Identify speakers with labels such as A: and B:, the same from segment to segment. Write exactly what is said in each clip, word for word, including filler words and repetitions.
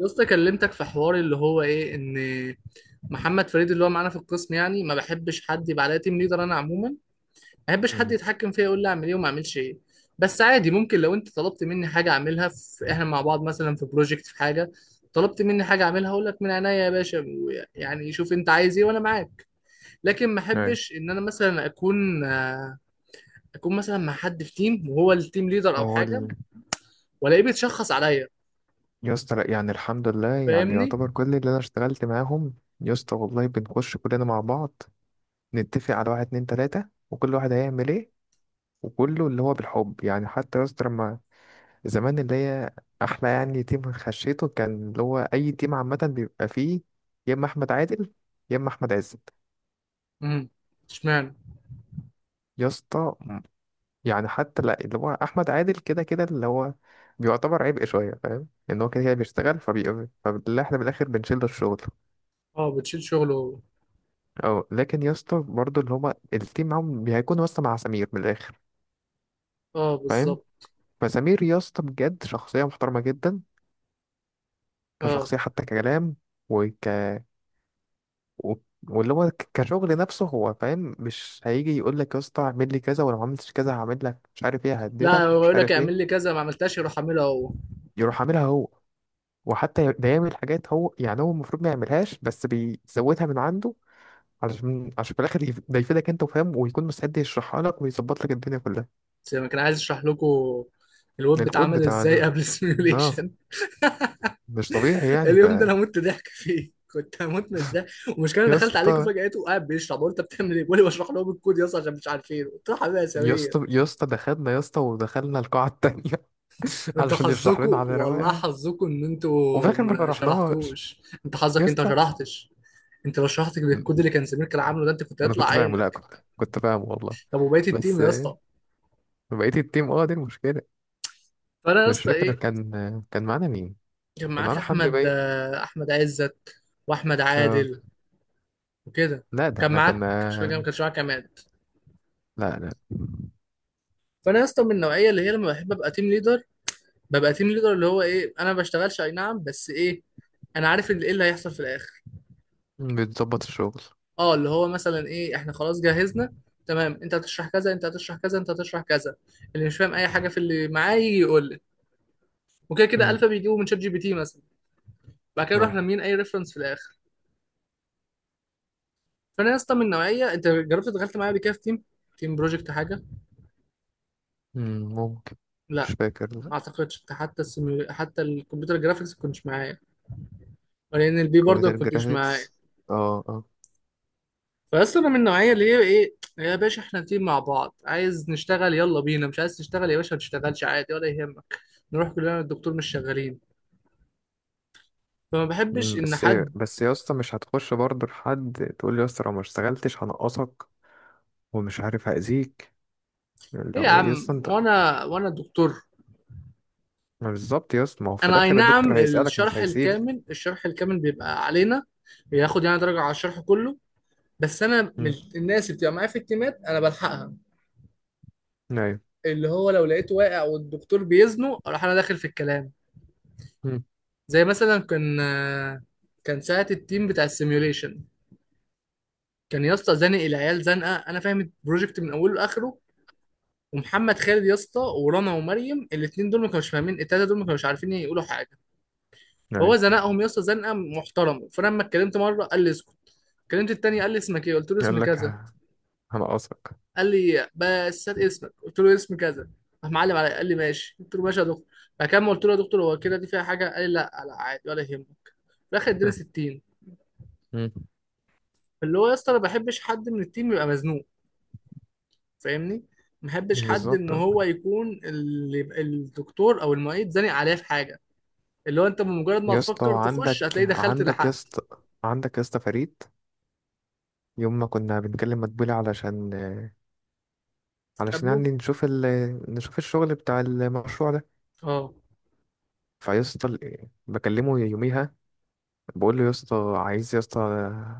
A: يا اسطى كلمتك في حوار اللي هو ايه ان محمد فريد اللي هو معانا في القسم، يعني ما بحبش حد يبقى عليا تيم ليدر. انا عموما ما بحبش حد
B: مم.
A: يتحكم فيا يقول لي اعمل ايه وما اعملش ايه. بس عادي، ممكن لو انت طلبت مني حاجه اعملها، في احنا مع بعض مثلا في بروجكت، في حاجه طلبت مني حاجه اعملها اقول لك من عينيا يا باشا. يعني شوف انت عايز ايه وانا معاك. لكن ما
B: أي.
A: احبش ان انا مثلا اكون آه، اكون مثلا مع حد في تيم وهو التيم ليدر او
B: هو
A: حاجه،
B: ال...
A: والاقيه بيتشخص عليا.
B: يا اسطى لأ، يعني الحمد لله، يعني
A: فاهمني.
B: يعتبر كل اللي انا اشتغلت معاهم. يا اسطى والله بنخش كلنا مع بعض، نتفق على واحد اتنين تلاتة، وكل واحد هيعمل ايه، وكله اللي هو بالحب. يعني حتى يا اسطى لما زمان، اللي هي احلى يعني تيم خشيته، كان اللي هو اي تيم عامة بيبقى فيه يا اما احمد عادل يا اما احمد عزت.
A: امم، اشمعنى.
B: يا اسطى يعني حتى لا، اللي هو احمد عادل كده كده، اللي هو بيعتبر عبء شويه، فاهم ان هو كده كده بيشتغل فبي فاللي احنا بالاخر بنشيل له الشغل.
A: اه بتشيل شغله هو.
B: اه لكن يا اسطى برضه، اللي هما التيم معاهم هيكون يا اسطى مع سمير من الاخر،
A: اه
B: فاهم؟
A: بالظبط.
B: فسمير يا اسطى بجد شخصيه محترمه جدا،
A: اه،
B: كشخصيه، حتى ككلام، وك و... واللي هو ك- كشغل نفسه، هو فاهم، مش هيجي يقول لك يا اسطى اعمل لي كذا، ولو ما عملتش كذا هعمل لك مش عارف ايه،
A: لا
B: ههددك
A: هو
B: ومش
A: يقول لك
B: عارف
A: اعمل لي
B: ايه.
A: كذا، ما عملتهاش يروح اعملها هو.
B: يروح عاملها هو، وحتى بيعمل حاجات هو يعني هو المفروض ما يعملهاش، بس بيزودها من عنده، علشان عشان في الاخر يف- ده يفيدك انت، وفاهم، ويكون مستعد يشرحها لك ويظبط لك الدنيا كلها.
A: زي ما كان عايز اشرح لكم الويب
B: الكود
A: بيتعمل
B: بتاع
A: ازاي
B: ال...
A: قبل
B: اه،
A: السيميوليشن.
B: مش طبيعي يعني. ف
A: اليوم ده انا مت ضحك فيه، كنت هموت من الضحك، والمشكله أنا
B: يا
A: دخلت عليكم
B: اسطى
A: فجأته قاعد بيشرح، بقول انت بتعمل ايه؟ بيقول لي بشرح لهم الكود يا اسطى عشان مش عارفين. قلت له حبيبي يا
B: يا
A: سمير،
B: اسطى يا اسطى دخلنا يا اسطى، ودخلنا القاعة التانية
A: انت
B: علشان يشرح لنا
A: حظكم
B: على
A: والله،
B: رواقه.
A: حظكم ان
B: وفي
A: انتوا
B: الاخر ما
A: ما
B: شرحناهاش
A: شرحتوش، انت
B: يا
A: حظك انت ما
B: اسطى.
A: شرحتش. انت لو شرحت بالكود اللي كان سمير كان عامله ده، انت كنت
B: انا
A: هيطلع
B: كنت فاهمه، لا
A: عينك.
B: كنت كنت فاهمه والله.
A: طب وبقيه التيم
B: بس
A: يا
B: آه،
A: اسطى،
B: بقيت التيم اه دي المشكلة.
A: فانا يا
B: مش
A: اسطى
B: فاكر
A: ايه.
B: كان كان معانا مين؟
A: كان
B: كان
A: معاك
B: معانا حمدي
A: احمد
B: باين.
A: آه، احمد عزت واحمد
B: اه.
A: عادل وكده.
B: لا ده
A: كان
B: احنا
A: معاك، مش فاكر، ما
B: كنا.
A: كانش معاك عماد.
B: لا، لا.
A: فانا يا اسطى من النوعيه اللي هي لما بحب ابقى تيم ليدر، ببقى تيم ليدر اللي هو ايه، انا ما بشتغلش اي نعم، بس ايه، انا عارف اللي ايه اللي هيحصل في الاخر.
B: بتظبط الشغل.
A: اه اللي هو مثلا ايه، احنا خلاص جهزنا تمام، انت هتشرح كذا، انت هتشرح كذا، انت هتشرح كذا. اللي مش فاهم اي حاجه في اللي معاه يجي يقول لي، وكده كده الفا
B: امم.
A: بيجيبه من شات جي بي تي مثلا. بعد كده نروح
B: أيوة.
A: لامين اي ريفرنس في الاخر. فانا يا اسطى من نوعيه، انت جربت دخلت معايا قبل كده في تيم، تيم بروجكت حاجه.
B: أمم، ممكن. مش
A: لا
B: فاكر،
A: ما
B: لا.
A: اعتقدش، حتى السيميو... حتى الكمبيوتر جرافيكس ما كنتش معايا، ولان البي برضه ما
B: كمبيوتر
A: كنتش معايا.
B: جرافيكس، اه اه.
A: فاصل، انا من النوعيه اللي هي ايه، يا باشا احنا تيم مع بعض، عايز نشتغل يلا بينا، مش عايز تشتغل يا باشا ما تشتغلش عادي ولا يهمك، نروح كلنا الدكتور مش شغالين. فما بحبش
B: أمم،
A: ان
B: بس.
A: حد،
B: بس يا اسطى مش هتخش برضه لحد تقول لي يا اسطى لو ما اشتغلتش هنقصك ومش عارف هأذيك، اللي
A: ايه يا
B: هو إيه يا اسطى
A: عم
B: انت.
A: وانا وانا دكتور.
B: ما بالظبط يا اسطى، ما هو في
A: انا اي
B: الاخر
A: نعم،
B: الدكتور هيسألك، مش
A: الشرح
B: هيسيبك.
A: الكامل الشرح الكامل بيبقى علينا، بياخد يعني درجه على الشرح كله. بس انا من
B: امم.
A: الناس اللي بتبقى معايا في التيمات انا بلحقها.
B: ايوه.
A: اللي هو لو لقيته واقع والدكتور بيزنه اروح انا داخل في الكلام.
B: امم.
A: زي مثلا كان كان ساعة التيم بتاع السيميوليشن، كان يا اسطى زانق العيال زنقه، انا فاهم البروجكت من اوله لاخره. ومحمد خالد يا اسطى ورنا ومريم، الاثنين دول ما كانوش فاهمين، التلاته دول ما كانوش عارفين يقولوا حاجه.
B: ايوه.
A: فهو زنقهم يا اسطى زنقه محترمه، فانا لما اتكلمت مره قال لي اسكت. كلمت التاني قال لي اسمك ايه، قلت له اسم
B: يقول لك
A: كذا.
B: ه- هنقصك
A: قال لي بس هات اسمك، قلت له اسم كذا. راح معلم عليا، قال لي ماشي، قلت له ماشي يا دكتور. فكان قلت له يا دكتور هو كده دي فيها حاجه، قال لي لا لا عادي ولا يهمك. في الاخر اداني ستين.
B: أمم،
A: اللي هو يا اسطى انا ما بحبش حد من التيم يبقى مزنوق. فاهمني. ما بحبش حد ان
B: بالظبط.
A: هو يكون اللي الدكتور او المعيد زانق عليه في حاجه. اللي هو انت بمجرد ما
B: يا اسطى
A: تفكر تخش
B: عندك
A: هتلاقي دخلت
B: عندك يا
A: لحقت.
B: اسطى، عندك يا اسطى فريد، يوم ما كنا بنكلم مدبولي علشان، علشان
A: قبله.
B: يعني نشوف ال... نشوف الشغل بتاع المشروع ده.
A: اه
B: فيا اسطى ال- بكلمه يوميها، بقول له يا اسطى عايز يا اسطى،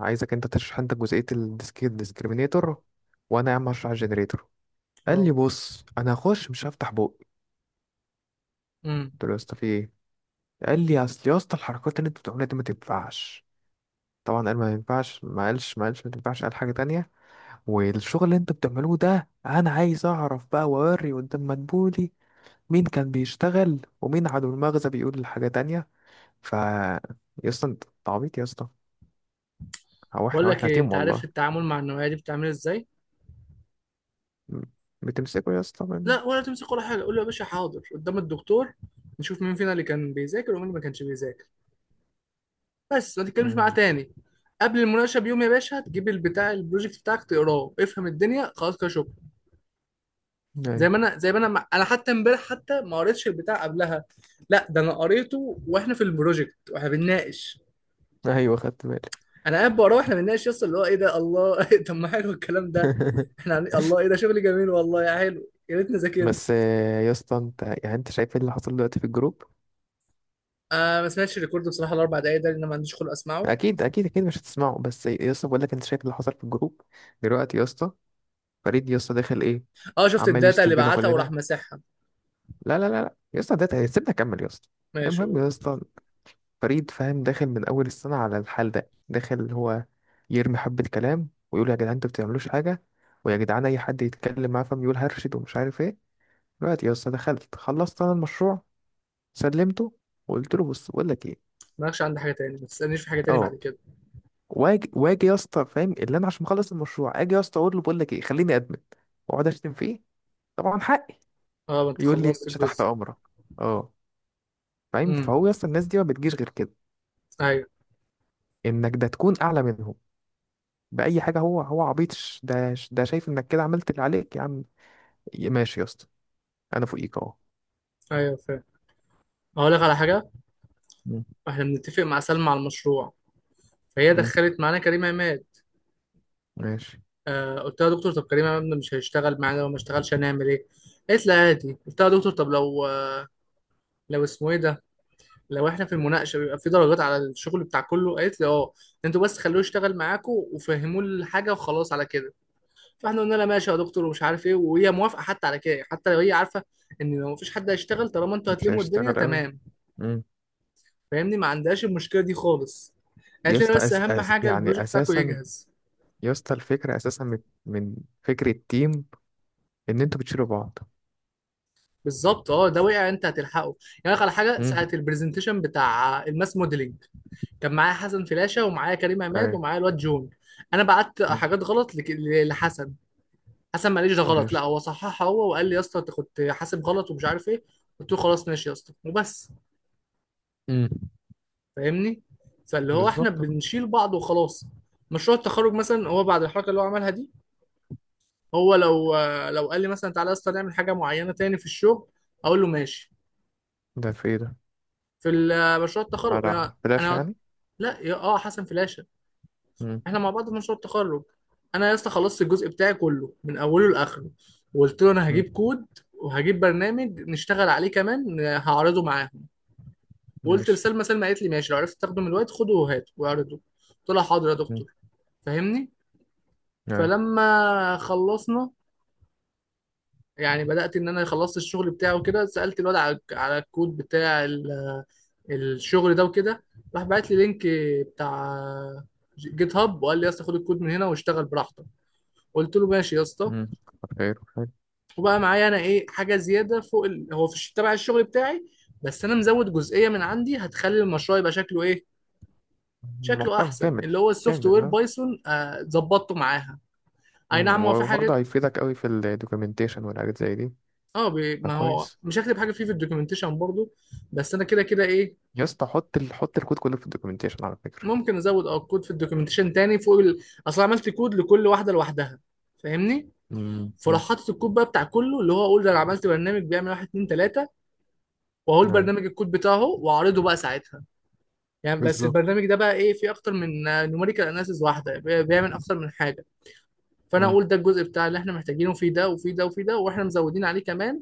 B: عايزك انت تشرح انت جزئية الديسك الديسكريمينيتور، وانا يا عم هشرح الجنريتور. قال لي
A: اه.
B: بص انا هخش مش هفتح بوق.
A: امم.
B: قلت له يا اسطى في ايه؟ قال لي اصل يا اسطى الحركات اللي انت بتعملها دي ما تنفعش. طبعا قال ما ينفعش، ما قالش ما قالش ما تنفعش، قال حاجة تانية. والشغل اللي انت بتعملوه ده انا عايز اعرف بقى واوري قدام مدبولي مين كان بيشتغل، ومين عدو المغزى بيقول الحاجة تانية. ف يا اسطى انت أنت عبيط يا اسطى، هو
A: بقول
B: احنا
A: لك
B: واحنا
A: ايه،
B: تيم
A: انت عارف
B: والله.
A: التعامل مع النوعيه دي بتعمل ازاي؟
B: م- بتمسكه يا اسطى من...
A: لا ولا تمسك ولا حاجه، قول له يا باشا حاضر، قدام الدكتور نشوف مين فينا اللي كان بيذاكر ومين اللي ما كانش بيذاكر. بس ما تتكلمش معاه
B: مم.
A: تاني. قبل المناقشه بيوم يا باشا تجيب البتاع البروجكت بتاعك تقراه، افهم الدنيا، خلاص كده شكرا. زي
B: ايوه،
A: ما انا زي ما انا مع... انا حتى امبارح حتى ما قريتش البتاع قبلها. لا ده انا قريته واحنا في البروجكت واحنا بنناقش.
B: ايوه، خدت بالي.
A: انا قاعد بقراه واحنا بنناقش، يس اللي هو ايه ده، الله. طب ما حلو الكلام ده. احنا عن- الله ايه ده، شغل جميل والله، يا حلو يا ريتني ذاكرت.
B: بس آه، يا اسطى انت يعني، انت شايف ايه اللي حصل دلوقتي في الجروب؟
A: آه ما سمعتش الريكورد بصراحه، الاربع دقايق ده لان ما عنديش خلق اسمعه.
B: اكيد، اكيد، اكيد مش هتسمعه، بس يا اسطى بقول لك، انت شايف اللي حصل في الجروب دلوقتي يا اسطى؟ فريد يا اسطى داخل ايه،
A: اه شفت
B: عمال
A: الداتا
B: يشتم
A: اللي
B: فينا
A: بعتها وراح
B: كلنا.
A: مسحها.
B: لا، لا، لا، لا يا اسطى، ده سيبنا اكمل يا اسطى.
A: ماشي
B: المهم
A: قول.
B: يا اسطى، فريد فاهم داخل من اول السنه على الحال ده، داخل هو يرمي حبه كلام ويقول يا جدعان انتوا بتعملوش حاجه، ويا جدعان اي حد يتكلم معاه فاهم يقول هرشد ومش عارف ايه. دلوقتي يا اسطى دخلت، خلصت انا المشروع، سلمته، وقلت له بص بقول لك ايه.
A: مالكش عندي حاجه تاني، ما تسالنيش في حاجه تاني بعد
B: اه.
A: كده.
B: واجي واجي يا اسطى، فاهم؟ اللي انا عشان مخلص المشروع، اجي يا اسطى اقول له بقول لك ايه، خليني ادمن واقعد اشتم فيه، طبعا حقي.
A: اه ما انت
B: يقول لي يا
A: خلصت
B: باشا تحت
A: الجزء.
B: امرك. اه، فاهم؟
A: امم.
B: فهو يا اسطى الناس دي ما بتجيش غير كده،
A: ايوه.
B: انك ده تكون اعلى منهم باي حاجه. هو هو عبيط، ش- ده ش- ده شايف انك كده عملت اللي عليك يا عم. ي- ماشي يا اسطى، انا فوقيك اهو.
A: ايوه فاهم. اقول لك على حاجه،
B: مم.
A: احنا بنتفق مع سلمى على المشروع، فهي
B: مم.
A: دخلت معانا كريم عماد.
B: ماشي.
A: آه قلت لها يا دكتور طب كريم عماد مش هيشتغل معانا، لو ما اشتغلش هنعمل ايه. قالت لي عادي. قلت لها يا دكتور طب لو لو اسمه ايه ده، لو احنا في المناقشه بيبقى في درجات على الشغل بتاع كله، قالت لي اه انتوا بس خلوه يشتغل معاكم وفهموه الحاجه وخلاص على كده. فاحنا قلنا لها ماشي يا دكتور ومش عارف ايه، وهي موافقه حتى على كده، حتى لو هي عارفه ان لو مفيش حد هيشتغل طالما انتوا
B: مش
A: هتلموا الدنيا
B: هيشتغل قوي.
A: تمام.
B: مم.
A: فاهمني، ما عندهاش المشكله دي خالص.
B: يا
A: قالت لنا
B: اسطى
A: بس
B: أس...
A: اهم
B: أس...
A: حاجه
B: يعني
A: البروجكت بتاعكم
B: اساسا،
A: يجهز.
B: يا اسطى الفكره اساسا من، من فكره تيم ان انتوا بتشيلوا بعض.
A: بالظبط اه، ده وقع انت هتلحقه. يعني أقول لك على حاجه،
B: مم.
A: ساعه البرزنتيشن بتاع الماس موديلنج، كان معايا حسن فلاشه ومعايا كريم عماد
B: ايوه.
A: ومعايا الواد جون. انا بعت
B: مم.
A: حاجات غلط لك- لحسن. حسن ما قاليش ده غلط، لا
B: ماشي.
A: هو صححها هو وقال لي يا اسطى انت كنت حاسب غلط ومش عارف ايه. قلت له خلاص ماشي يا اسطى وبس.
B: مم.
A: فاهمني. فاللي هو احنا
B: بالظبط.
A: بنشيل بعض وخلاص. مشروع التخرج مثلا، هو بعد الحركه اللي هو عملها دي، هو لو لو قال لي مثلا تعالى يا اسطى نعمل حاجه معينه تاني في الشغل اقول له ماشي.
B: ده في ايه ده؟
A: في ال- مشروع التخرج انا
B: على فلاش
A: انا
B: يعني؟
A: لا يا اه حسن فلاشه،
B: مم.
A: احنا مع بعض في مشروع التخرج. انا يا اسطى خلصت الجزء بتاعي كله من اوله لاخره، وقلت له انا
B: مم.
A: هجيب كود وهجيب برنامج نشتغل عليه كمان هعرضه معاهم. وقلت
B: ماشي.
A: لسلمى، سلمى قالت لي ماشي لو عرفت تاخده من الوقت خده وهاته واعرضه. قلت لها حاضر يا
B: مم.
A: دكتور. فاهمني.
B: ايوه.
A: فلما خلصنا، يعني بدأت إن أنا خلصت الشغل بتاعه وكده، سألت الواد على على الكود بتاع ال- الشغل ده وكده. راح بعت لي لينك بتاع جيت هاب، وقال لي يا اسطى خد الكود من هنا واشتغل براحتك. قلت له ماشي يا اسطى.
B: مم. خير خير.
A: وبقى معايا أنا إيه حاجة زيادة فوق ال... هو في الش- تبع الشغل بتاعي، بس أنا مزود جزئية من عندي هتخلي المشروع يبقى شكله إيه، شكله
B: محترم
A: أحسن.
B: كامل،
A: اللي هو السوفت وير
B: كامل.
A: بايثون آه، ظبطته معاها. أي
B: مم،
A: نعم هو في
B: وبرضه
A: حاجات،
B: هيفيدك قوي في الدوكيومنتيشن والحاجات زي دي.
A: اه بي- ما هو
B: فكويس.
A: مش هكتب حاجه فيه في الدوكيومنتيشن برضو، بس انا كده كده ايه،
B: يا اسطى حط ال... حط الكود كله في الدوكيومنتيشن على فكرة.
A: ممكن ازود اه كود في الدوكيومنتيشن تاني فوق ال... اصل عملت كود لكل واحده لوحدها. فاهمني.
B: امم.
A: فراح حاطط الكود بقى بتاع كله، اللي هو اقول ده انا عملت برنامج بيعمل واحد اتنين تلاته، واقول
B: ايوه.
A: برنامج الكود بتاعه واعرضه بقى ساعتها. يعني بس
B: بالظبط.
A: البرنامج ده بقى ايه، فيه اكتر من نوميريكال اناليسيز، واحده بي- بيعمل اكتر من حاجه. فانا
B: امم.
A: اقول ده الجزء بتاع اللي احنا محتاجينه في ده وفي ده وفي ده، واحنا مزودين عليه كمان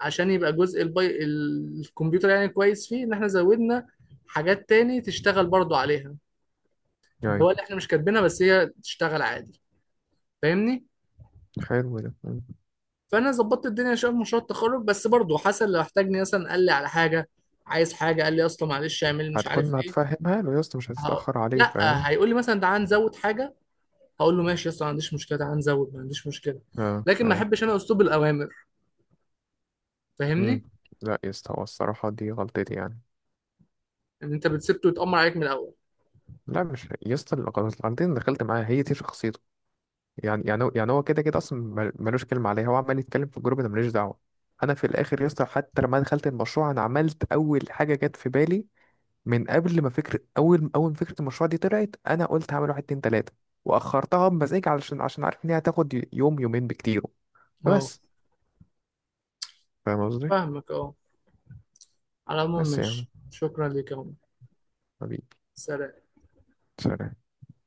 A: عشان يبقى جزء البي... الكمبيوتر يعني كويس فيه ان احنا زودنا حاجات تاني تشتغل برضو عليها. اللي
B: ايوه.
A: هو اللي احنا مش كاتبينها بس هي تشتغل عادي. فاهمني.
B: حلو ده، مم.
A: فانا ظبطت الدنيا شويه في مشروع التخرج، بس برضو حسن لو احتاجني مثلا قال لي على حاجه عايز حاجه، قال لي اصلا معلش اعمل مش عارف
B: هتكون
A: ايه،
B: هتفهمها له يا اسطى، مش
A: هقول،
B: هتتأخر عليه، فاهم.
A: لا هيقول لي مثلا تعال نزود حاجه، هقول له ماشي اصلا ما عنديش مشكله، تعال نزود ما عنديش مشكله.
B: اه،
A: لكن ما
B: ايوه.
A: احبش انا اسلوب الاوامر.
B: امم.
A: فاهمني.
B: لا يا اسطى، هو الصراحة دي غلطتي يعني.
A: ان انت بتسبته يتأمر عليك من الاول.
B: لا، مش يا اسطى، الغلط- الغلطتين اللي دخلت معاها، هي دي شخصيته يعني. يعني هو- يعني هو كده كده اصلا، مل- ملوش كلمه عليها، هو عمال يتكلم في الجروب، انا ماليش دعوه. انا في الاخر يا اسطى، حتى لما دخلت المشروع، انا عملت اول حاجه جت في بالي من قبل ما فكره، اول اول ما فكره المشروع دي طلعت، انا قلت هعمل واحد اتنين تلاته واخرتها بمزاج، علشان عشان عارف ان هي هتاخد يوم يومين بكتير،
A: اه
B: فبس. فاهم قصدي؟
A: فاهمك اه. على العموم
B: بس يعني،
A: ماشي، شكرا ليك يا عمر.
B: حبيبي،
A: سلام.
B: سلام.